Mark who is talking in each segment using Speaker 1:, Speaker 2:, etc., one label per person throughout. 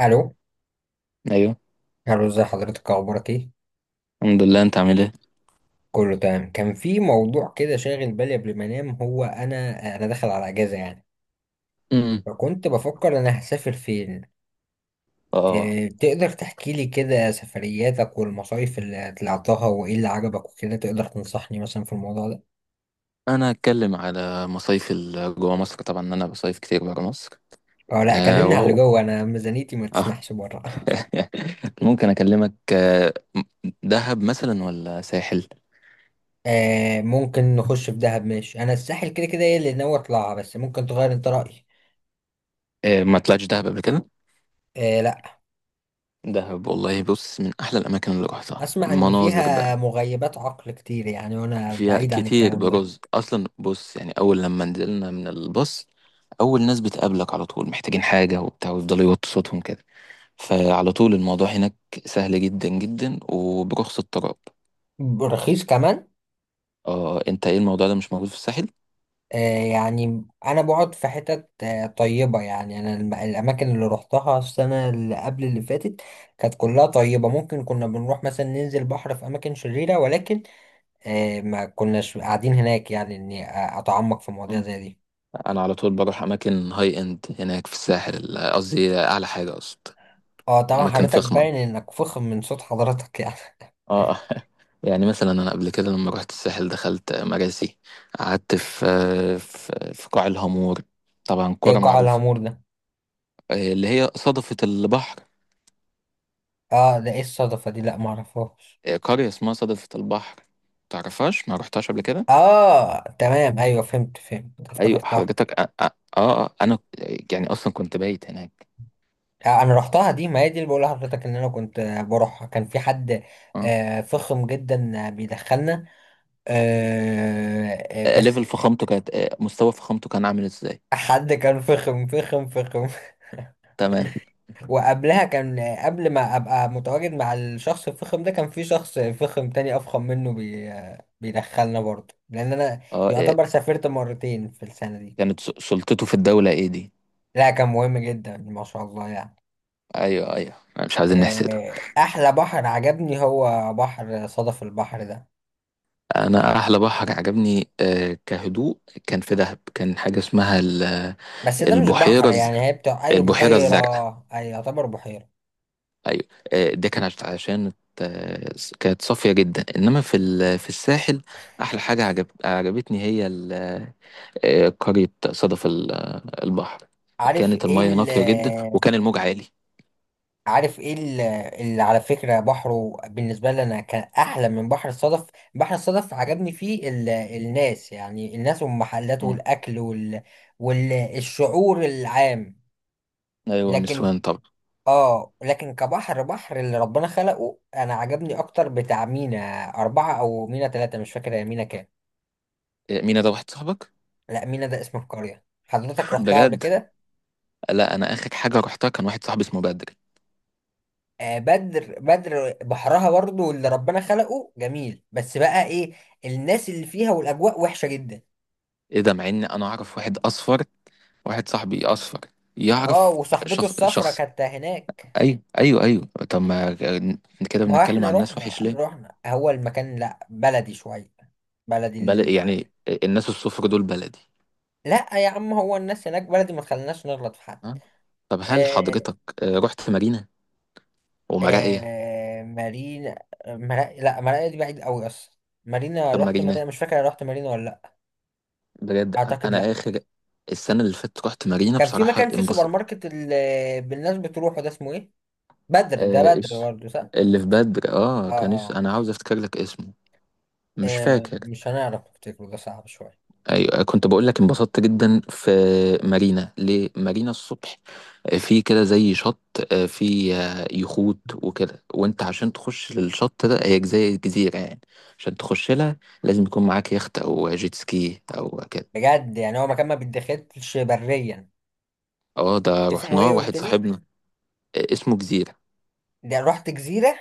Speaker 1: الو.
Speaker 2: ايوه.
Speaker 1: الو، ازي حضرتك، اخبارك ايه؟
Speaker 2: الحمد لله، انت عامل ايه؟
Speaker 1: كله تمام. كان في موضوع كده شاغل بالي قبل ما انام، هو انا داخل على اجازه يعني،
Speaker 2: امم
Speaker 1: فكنت بفكر انا هسافر فين.
Speaker 2: اه
Speaker 1: إيه، تقدر تحكي لي كده سفرياتك والمصايف اللي طلعتها وايه اللي عجبك وكده؟ تقدر تنصحني مثلا في الموضوع ده؟
Speaker 2: انا هتكلم على مصايف جوا مصر. طبعا انا بصيف كتير برا مصر.
Speaker 1: اه لا،
Speaker 2: آه
Speaker 1: كلمني على اللي
Speaker 2: وهو
Speaker 1: جوه، انا ميزانيتي ما
Speaker 2: آه.
Speaker 1: تسمحش بره.
Speaker 2: ممكن اكلمك دهب مثلا ولا ساحل؟
Speaker 1: آه، ممكن نخش في دهب. ماشي، انا الساحل كده كده ايه اللي ناوي اطلعها، بس ممكن تغير انت رايي.
Speaker 2: ما طلعتش دهب قبل كده.
Speaker 1: آه لا.
Speaker 2: دهب والله، بص، من احلى الاماكن اللي روحتها.
Speaker 1: اسمع ان
Speaker 2: مناظر
Speaker 1: فيها
Speaker 2: بقى
Speaker 1: مغيبات عقل كتير يعني، وانا
Speaker 2: فيها
Speaker 1: بعيد عن
Speaker 2: كتير
Speaker 1: الكلام ده.
Speaker 2: برز اصلا. بص، يعني اول لما نزلنا من الباص، اول ناس بتقابلك على طول محتاجين حاجه وبتاع، ويفضلوا يوطوا صوتهم كده. فعلى طول الموضوع هناك سهل جدا جدا، وبرخص التراب.
Speaker 1: رخيص كمان؟
Speaker 2: اه، انت ايه، الموضوع ده مش موجود في الساحل؟
Speaker 1: آه. يعني انا بقعد في حتت طيبة يعني، انا الاماكن اللي روحتها السنة اللي قبل اللي فاتت كانت كلها طيبة. ممكن كنا بنروح مثلا ننزل بحر في اماكن شريرة، ولكن آه، ما كناش قاعدين هناك، يعني اني اتعمق في مواضيع
Speaker 2: مم.
Speaker 1: زي دي.
Speaker 2: انا على طول بروح اماكن هاي اند هناك في الساحل. قصدي اعلى حاجه، قصد
Speaker 1: اه طبعا،
Speaker 2: اماكن
Speaker 1: حضرتك
Speaker 2: فخمه.
Speaker 1: باين انك فخم من صوت حضرتك يعني.
Speaker 2: اه يعني مثلا انا قبل كده لما رحت الساحل دخلت مراسي، قعدت في في قاع الهامور، طبعا
Speaker 1: ايه
Speaker 2: كرة
Speaker 1: قاع
Speaker 2: معروفة.
Speaker 1: العمور ده؟
Speaker 2: اللي هي صدفة البحر.
Speaker 1: اه، ده ايه الصدفة دي؟ لا، معرفهاش.
Speaker 2: قرية اسمها صدفة البحر. تعرفهاش؟ ما رحتهاش قبل كده؟
Speaker 1: اه تمام، ايوه، فهمت فهمت،
Speaker 2: ايوه
Speaker 1: افتكرتها.
Speaker 2: حضرتك. انا، يعني اصلا كنت بايت هناك.
Speaker 1: انا رحتها دي، ما هي دي اللي بقول لحضرتك ان انا كنت بروحها. كان في حد
Speaker 2: اه.
Speaker 1: فخم جدا، بيدخلنا. آه، بس
Speaker 2: ليفل فخامته كانت، مستوى فخامته كان عامل ازاي؟
Speaker 1: حد كان فخم فخم فخم.
Speaker 2: تمام.
Speaker 1: وقبلها كان، قبل ما ابقى متواجد مع الشخص الفخم ده، كان في شخص فخم تاني افخم منه، بي آه، بيدخلنا برضه، لان انا
Speaker 2: اه.
Speaker 1: يعتبر سافرت مرتين في السنة دي.
Speaker 2: كانت سلطته في الدولة ايه دي؟
Speaker 1: لا كان مهم جدا ما شاء الله يعني.
Speaker 2: ايوه ايوه، مش عايزين نحسده.
Speaker 1: احلى بحر عجبني هو بحر صدف البحر ده.
Speaker 2: انا احلى بحر عجبني، كهدوء، كان في دهب. كان حاجة اسمها
Speaker 1: بس ده مش بحر،
Speaker 2: البحيرة
Speaker 1: يعني هي بتاع ايوه،
Speaker 2: البحيرة
Speaker 1: بحيرة.
Speaker 2: الزرقاء.
Speaker 1: اي يعتبر بحيرة.
Speaker 2: ايوه. ده كان عشان آه، كانت صافية جدا. انما في في الساحل، احلى حاجة عجبتني هي قرية صدف البحر.
Speaker 1: عارف
Speaker 2: كانت
Speaker 1: ايه
Speaker 2: المية
Speaker 1: ال،
Speaker 2: نقية جدا وكان الموج عالي.
Speaker 1: عارف ايه اللي على فكرة بحره بالنسبة لي انا كان احلى من بحر الصدف. بحر الصدف عجبني فيه ال... الناس، يعني الناس والمحلات
Speaker 2: مم.
Speaker 1: والاكل وال... والشعور العام،
Speaker 2: ايوه
Speaker 1: لكن.
Speaker 2: النسوان طبعا.
Speaker 1: اه لكن كبحر، اللي ربنا خلقه انا عجبني اكتر بتاع مينا 4 او مينا 3، مش فاكر هي مينا كام.
Speaker 2: مين ده، واحد صاحبك؟
Speaker 1: لا، مينا ده اسم القرية، حضرتك رحتها قبل
Speaker 2: بجد؟
Speaker 1: كده؟
Speaker 2: لا، انا اخر حاجة رحتها كان واحد صاحبي اسمه بدري.
Speaker 1: آه، بدر بدر بحرها برضو اللي ربنا خلقه جميل، بس بقى ايه، الناس اللي فيها والاجواء وحشة جدا.
Speaker 2: ايه ده، مع ان انا اعرف واحد اصفر، واحد صاحبي اصفر،
Speaker 1: اه،
Speaker 2: يعرف
Speaker 1: وصاحبته
Speaker 2: شخص
Speaker 1: الصفرة
Speaker 2: شخص.
Speaker 1: كانت هناك.
Speaker 2: ايوه ايوه ايوه. طب ما كده
Speaker 1: ما هو
Speaker 2: بنتكلم
Speaker 1: احنا
Speaker 2: عن ناس وحش
Speaker 1: رحنا
Speaker 2: ليه؟
Speaker 1: رحنا هو المكان لا بلدي شوية، بلدي
Speaker 2: بل
Speaker 1: ال...
Speaker 2: يعني الناس الصفر دول بلدي؟
Speaker 1: لا يا عم، هو الناس هناك بلدي، ما تخليناش نغلط في حد.
Speaker 2: ها؟ طب هل
Speaker 1: آه،
Speaker 2: حضرتك، رحت مارينا ومراقية؟
Speaker 1: آه مارينا، مرا... لا، مارينا دي بعيد قوي اصلا. مارينا،
Speaker 2: طب
Speaker 1: رحت مارينا
Speaker 2: مارينا؟
Speaker 1: مش فاكر، أنا رحت مارينا ولا لا؟
Speaker 2: بجد؟
Speaker 1: اعتقد
Speaker 2: أنا
Speaker 1: لا.
Speaker 2: آخر السنة اللي فاتت رحت مارينا.
Speaker 1: كان في
Speaker 2: بصراحة
Speaker 1: مكان، في سوبر
Speaker 2: انبسط.
Speaker 1: ماركت اللي بالناس بتروحه، ده اسمه ايه؟ بدر، ده
Speaker 2: آه،
Speaker 1: بدر
Speaker 2: إيش
Speaker 1: برضه صح؟
Speaker 2: اللي في بدر، اه
Speaker 1: اه
Speaker 2: كان اسمه،
Speaker 1: اه.
Speaker 2: أنا عاوز أفتكر لك اسمه. مش فاكر.
Speaker 1: مش هنعرف نفتكره، ده صعب شويه.
Speaker 2: ايوه كنت بقول لك انبسطت جدا في مارينا. ليه مارينا؟ الصبح، في كده زي شط، آه، في آه، يخوت وكده، وانت عشان تخش للشط ده، هي زي الجزيره يعني. عشان تخش لها لازم يكون معاك يخت او جيت سكي او كده.
Speaker 1: بجد، يعني هو مكان ما بيتدخلش بريا.
Speaker 2: اه، ده
Speaker 1: اسمه
Speaker 2: رحناه
Speaker 1: ايه قلت
Speaker 2: واحد
Speaker 1: لي؟
Speaker 2: صاحبنا اسمه جزيره.
Speaker 1: ده رحت جزيره؟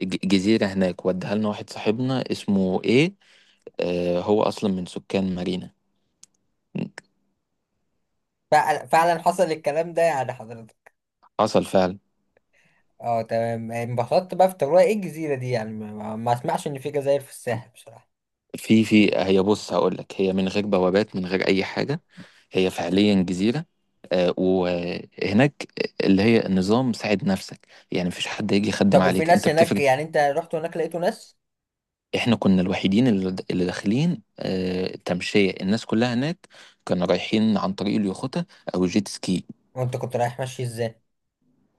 Speaker 2: جزيره هناك وديها لنا واحد صاحبنا اسمه ايه، هو اصلا من سكان مارينا.
Speaker 1: فعلا فعلا حصل الكلام ده يعني حضرتك؟
Speaker 2: حصل فعلا.
Speaker 1: اه تمام، انبسطت بقى في تجربة ايه الجزيره دي يعني، ما اسمعش ان في جزائر في الساحل بصراحه.
Speaker 2: في هي، بص هقول لك، هي من غير بوابات، من غير اي حاجه. هي فعليا جزيره. وهناك اللي هي نظام ساعد نفسك يعني. مفيش حد هيجي يخدم
Speaker 1: طب وفي
Speaker 2: عليك،
Speaker 1: ناس
Speaker 2: انت
Speaker 1: هناك
Speaker 2: بتفرق.
Speaker 1: يعني؟ انت رحت هناك لقيته ناس؟
Speaker 2: احنا كنا الوحيدين اللي داخلين تمشيه. الناس كلها هناك كانوا رايحين عن طريق اليخوتة او الجيت سكي.
Speaker 1: وانت كنت رايح ماشي ازاي؟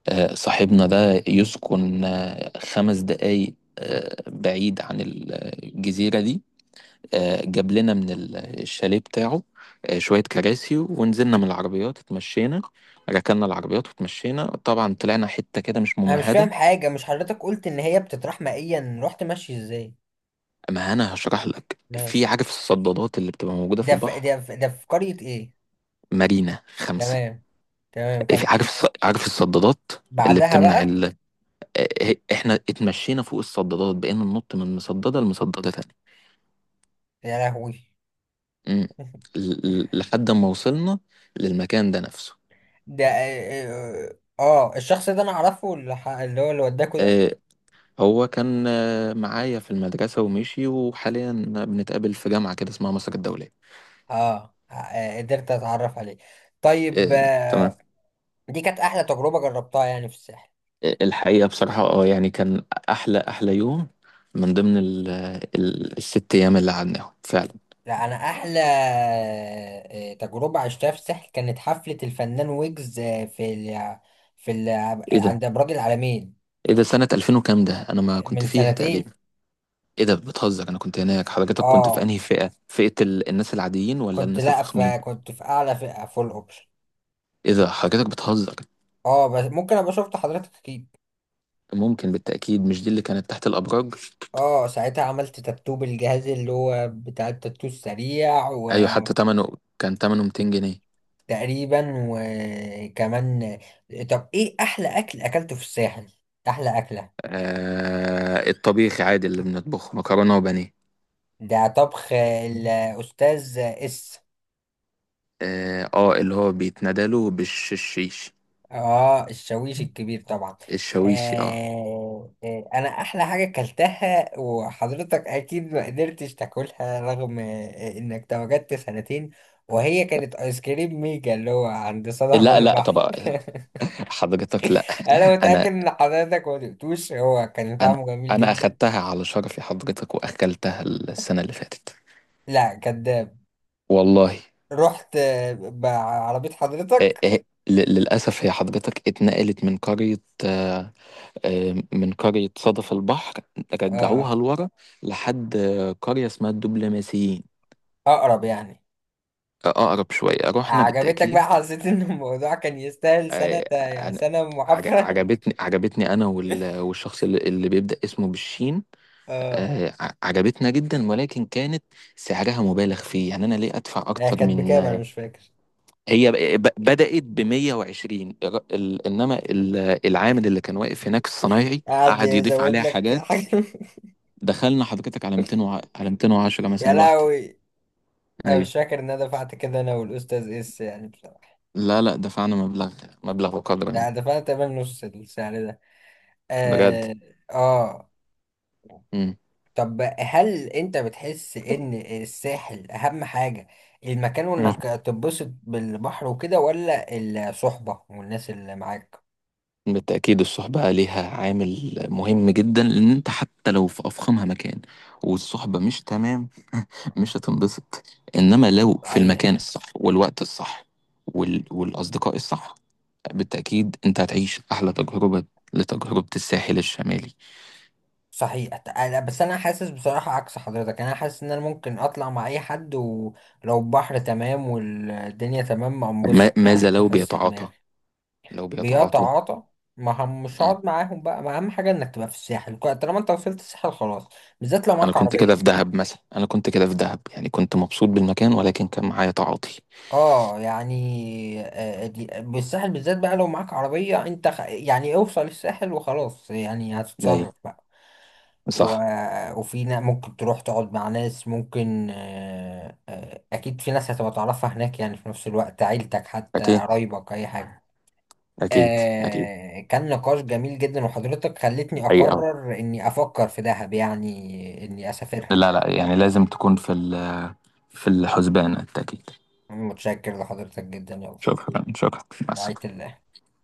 Speaker 2: صاحبنا ده يسكن خمس دقايق بعيد عن الجزيره دي. جاب لنا من الشاليه بتاعه شوية كراسي، ونزلنا من العربيات اتمشينا. ركننا العربيات واتمشينا، طبعا طلعنا حتة كده مش
Speaker 1: انا مش فاهم
Speaker 2: ممهدة.
Speaker 1: حاجه، مش حضرتك قلت ان هي بتطرح مائيا؟ رحت ماشي ازاي؟
Speaker 2: ما أنا هشرح لك. في،
Speaker 1: ماشي.
Speaker 2: عارف الصدادات اللي بتبقى موجودة في البحر؟
Speaker 1: ده في قريه ايه؟
Speaker 2: مارينا خمسة.
Speaker 1: تمام. تمام،
Speaker 2: في
Speaker 1: كمل.
Speaker 2: عارف عارف الصدادات اللي
Speaker 1: بعدها
Speaker 2: بتمنع
Speaker 1: بقى.
Speaker 2: ال... احنا اتمشينا فوق الصدادات، بقينا ننط من مصددة لمصددة تانية.
Speaker 1: يا لهوي.
Speaker 2: مم. لحد ما وصلنا للمكان ده نفسه.
Speaker 1: ده اه، الشخص ده انا اعرفه، اللي هو اللي وداكوا ده.
Speaker 2: آه، هو كان معايا في المدرسة ومشي، وحاليا بنتقابل في جامعة كده اسمها مصر الدولية.
Speaker 1: اه اه، قدرت اتعرف عليه. طيب
Speaker 2: آه،
Speaker 1: اه،
Speaker 2: تمام.
Speaker 1: دي كانت احلى تجربه جربتها يعني في الساحل.
Speaker 2: الحقيقة بصراحة اه، يعني كان أحلى أحلى يوم من ضمن ال الست أيام اللي قعدناهم فعلا.
Speaker 1: لا انا احلى تجربه عشتها في الساحل كانت حفله الفنان ويجز، في ال...
Speaker 2: إيه ده؟
Speaker 1: عند ابراج العالمين.
Speaker 2: إيه ده؟ سنة 2000 وكام ده؟ أنا ما كنت
Speaker 1: من
Speaker 2: فيها
Speaker 1: سنتين.
Speaker 2: تقريبا. إيه ده، بتهزر؟ أنا كنت هناك. حضرتك كنت في
Speaker 1: اه
Speaker 2: أنهي فئة، ال الناس العاديين ولا
Speaker 1: كنت
Speaker 2: الناس
Speaker 1: لا،
Speaker 2: الفخمين؟
Speaker 1: فكنت في اعلى فئه، فول اوبشن.
Speaker 2: إيه ده، حضرتك بتهزر؟
Speaker 1: اه بس ممكن ابقى شفت حضرتك اكيد.
Speaker 2: ممكن بالتأكيد. مش دي اللي كانت تحت الأبراج؟
Speaker 1: اه ساعتها عملت تاتو بالجهاز اللي هو بتاع التاتو السريع.
Speaker 2: أيوة، حتى تمنه كان، تمنه 200 جنيه.
Speaker 1: وتقريبا وكمان. طب ايه احلى اكل اكلته في الساحل؟ احلى اكله؟
Speaker 2: آه الطبيخي عادي، اللي بنطبخه مكرونة وبانيه.
Speaker 1: ده طبخ الاستاذ اس.
Speaker 2: اه، اللي هو بيتندى له بالشيش.
Speaker 1: اه الشاويش الكبير طبعا.
Speaker 2: الشويشي، اه.
Speaker 1: انا احلى حاجه اكلتها، وحضرتك اكيد ما قدرتش تاكلها، رغم انك تواجدت سنتين، وهي كانت ايس كريم ميجا اللي هو عند صدف
Speaker 2: لا لا،
Speaker 1: البحر.
Speaker 2: طب حضرتك، لا،
Speaker 1: انا متاكد
Speaker 2: انا
Speaker 1: ان حضرتك ما دقتوش، هو كان
Speaker 2: انا
Speaker 1: طعمه جميل
Speaker 2: انا
Speaker 1: جدا.
Speaker 2: اخدتها على شرفي حضرتك، واكلتها السنة اللي فاتت.
Speaker 1: لا كداب.
Speaker 2: والله.
Speaker 1: رحت بعربيه
Speaker 2: آه
Speaker 1: حضرتك؟
Speaker 2: آه للأسف، هي حضرتك اتنقلت من قرية من قرية صدف البحر،
Speaker 1: آه.
Speaker 2: رجعوها لورا، لحد قرية اسمها الدبلوماسيين.
Speaker 1: اقرب يعني؟
Speaker 2: أقرب شوية. رحنا
Speaker 1: عجبتك بقى؟
Speaker 2: بالتأكيد.
Speaker 1: حسيت ان الموضوع كان يستاهل سنه،
Speaker 2: آه،
Speaker 1: يعني
Speaker 2: أنا
Speaker 1: سنه محافره؟
Speaker 2: عجبتني أنا والشخص اللي بيبدأ اسمه بالشين.
Speaker 1: اه.
Speaker 2: عجبتنا جدا، ولكن كانت سعرها مبالغ فيه. يعني أنا ليه أدفع
Speaker 1: هي
Speaker 2: أكتر
Speaker 1: كانت
Speaker 2: من،
Speaker 1: بكام انا مش فاكر.
Speaker 2: هي بدأت ب 120، إنما العامل اللي كان واقف هناك الصنايعي
Speaker 1: قعد
Speaker 2: قعد يضيف
Speaker 1: يزود
Speaker 2: عليها
Speaker 1: لك
Speaker 2: حاجات.
Speaker 1: حاجه.
Speaker 2: دخلنا حضرتك على 200 على 210
Speaker 1: يا
Speaker 2: مثلا الواحدة.
Speaker 1: لهوي. انا
Speaker 2: أيوه.
Speaker 1: مش فاكر ان انا دفعت كده انا والاستاذ اس يعني بصراحه.
Speaker 2: لا لا، دفعنا مبلغ وقدره
Speaker 1: لا
Speaker 2: يعني.
Speaker 1: دفعت تمام نص السعر ده.
Speaker 2: بجد.
Speaker 1: اه. اه.
Speaker 2: مم.
Speaker 1: طب هل انت بتحس ان الساحل اهم حاجه المكان، وانك تتبسط بالبحر وكده، ولا الصحبه والناس اللي معاك؟
Speaker 2: بالتأكيد الصحبة ليها عامل مهم جدا. لأن أنت حتى لو في أفخمها مكان، والصحبة مش تمام، مش هتنبسط. إنما لو في المكان
Speaker 1: صحيح.
Speaker 2: الصح، والوقت الصح، والأصدقاء الصح، بالتأكيد أنت هتعيش أحلى تجربة لتجربة الساحل الشمالي.
Speaker 1: صحيح. أنا بس، انا حاسس بصراحة عكس حضرتك، انا حاسس ان انا ممكن اطلع مع اي حد، ولو البحر تمام والدنيا تمام
Speaker 2: ما...
Speaker 1: انبسط،
Speaker 2: ماذا
Speaker 1: يعني
Speaker 2: لو
Speaker 1: احس
Speaker 2: بيتعاطى،
Speaker 1: دماغي.
Speaker 2: لو بيتعاطوا؟
Speaker 1: بيتعاطى؟ ما هم مش
Speaker 2: مم.
Speaker 1: هقعد معاهم بقى، ما اهم حاجة انك تبقى في الساحل، طالما انت وصلت الساحل خلاص، بالذات لو معاك عربية.
Speaker 2: أنا كنت كده في دهب، يعني كنت مبسوط بالمكان، ولكن كان معايا تعاطي.
Speaker 1: اه يعني، بالساحل بالذات بقى، لو معاك عربية انت يعني اوصل الساحل وخلاص، يعني
Speaker 2: أيوه.
Speaker 1: هتتصرف بقى. و...
Speaker 2: صح.
Speaker 1: وفي ممكن تروح تقعد مع ناس، ممكن اكيد في ناس هتبقى تعرفها هناك يعني، في نفس الوقت عيلتك، حتى
Speaker 2: أكيد
Speaker 1: قرايبك، اي حاجة.
Speaker 2: أكيد أكيد.
Speaker 1: آه كان نقاش جميل جدا، وحضرتك خلتني
Speaker 2: أيوه.
Speaker 1: اقرر اني افكر في دهب، يعني اني اسافرها بقى.
Speaker 2: لا لا، يعني لازم تكون في في الحسبان التأكيد.
Speaker 1: متشكر لحضرتك جدا، يلا.
Speaker 2: شكرا شكرا. مع
Speaker 1: رعاية
Speaker 2: السلامة.
Speaker 1: الله.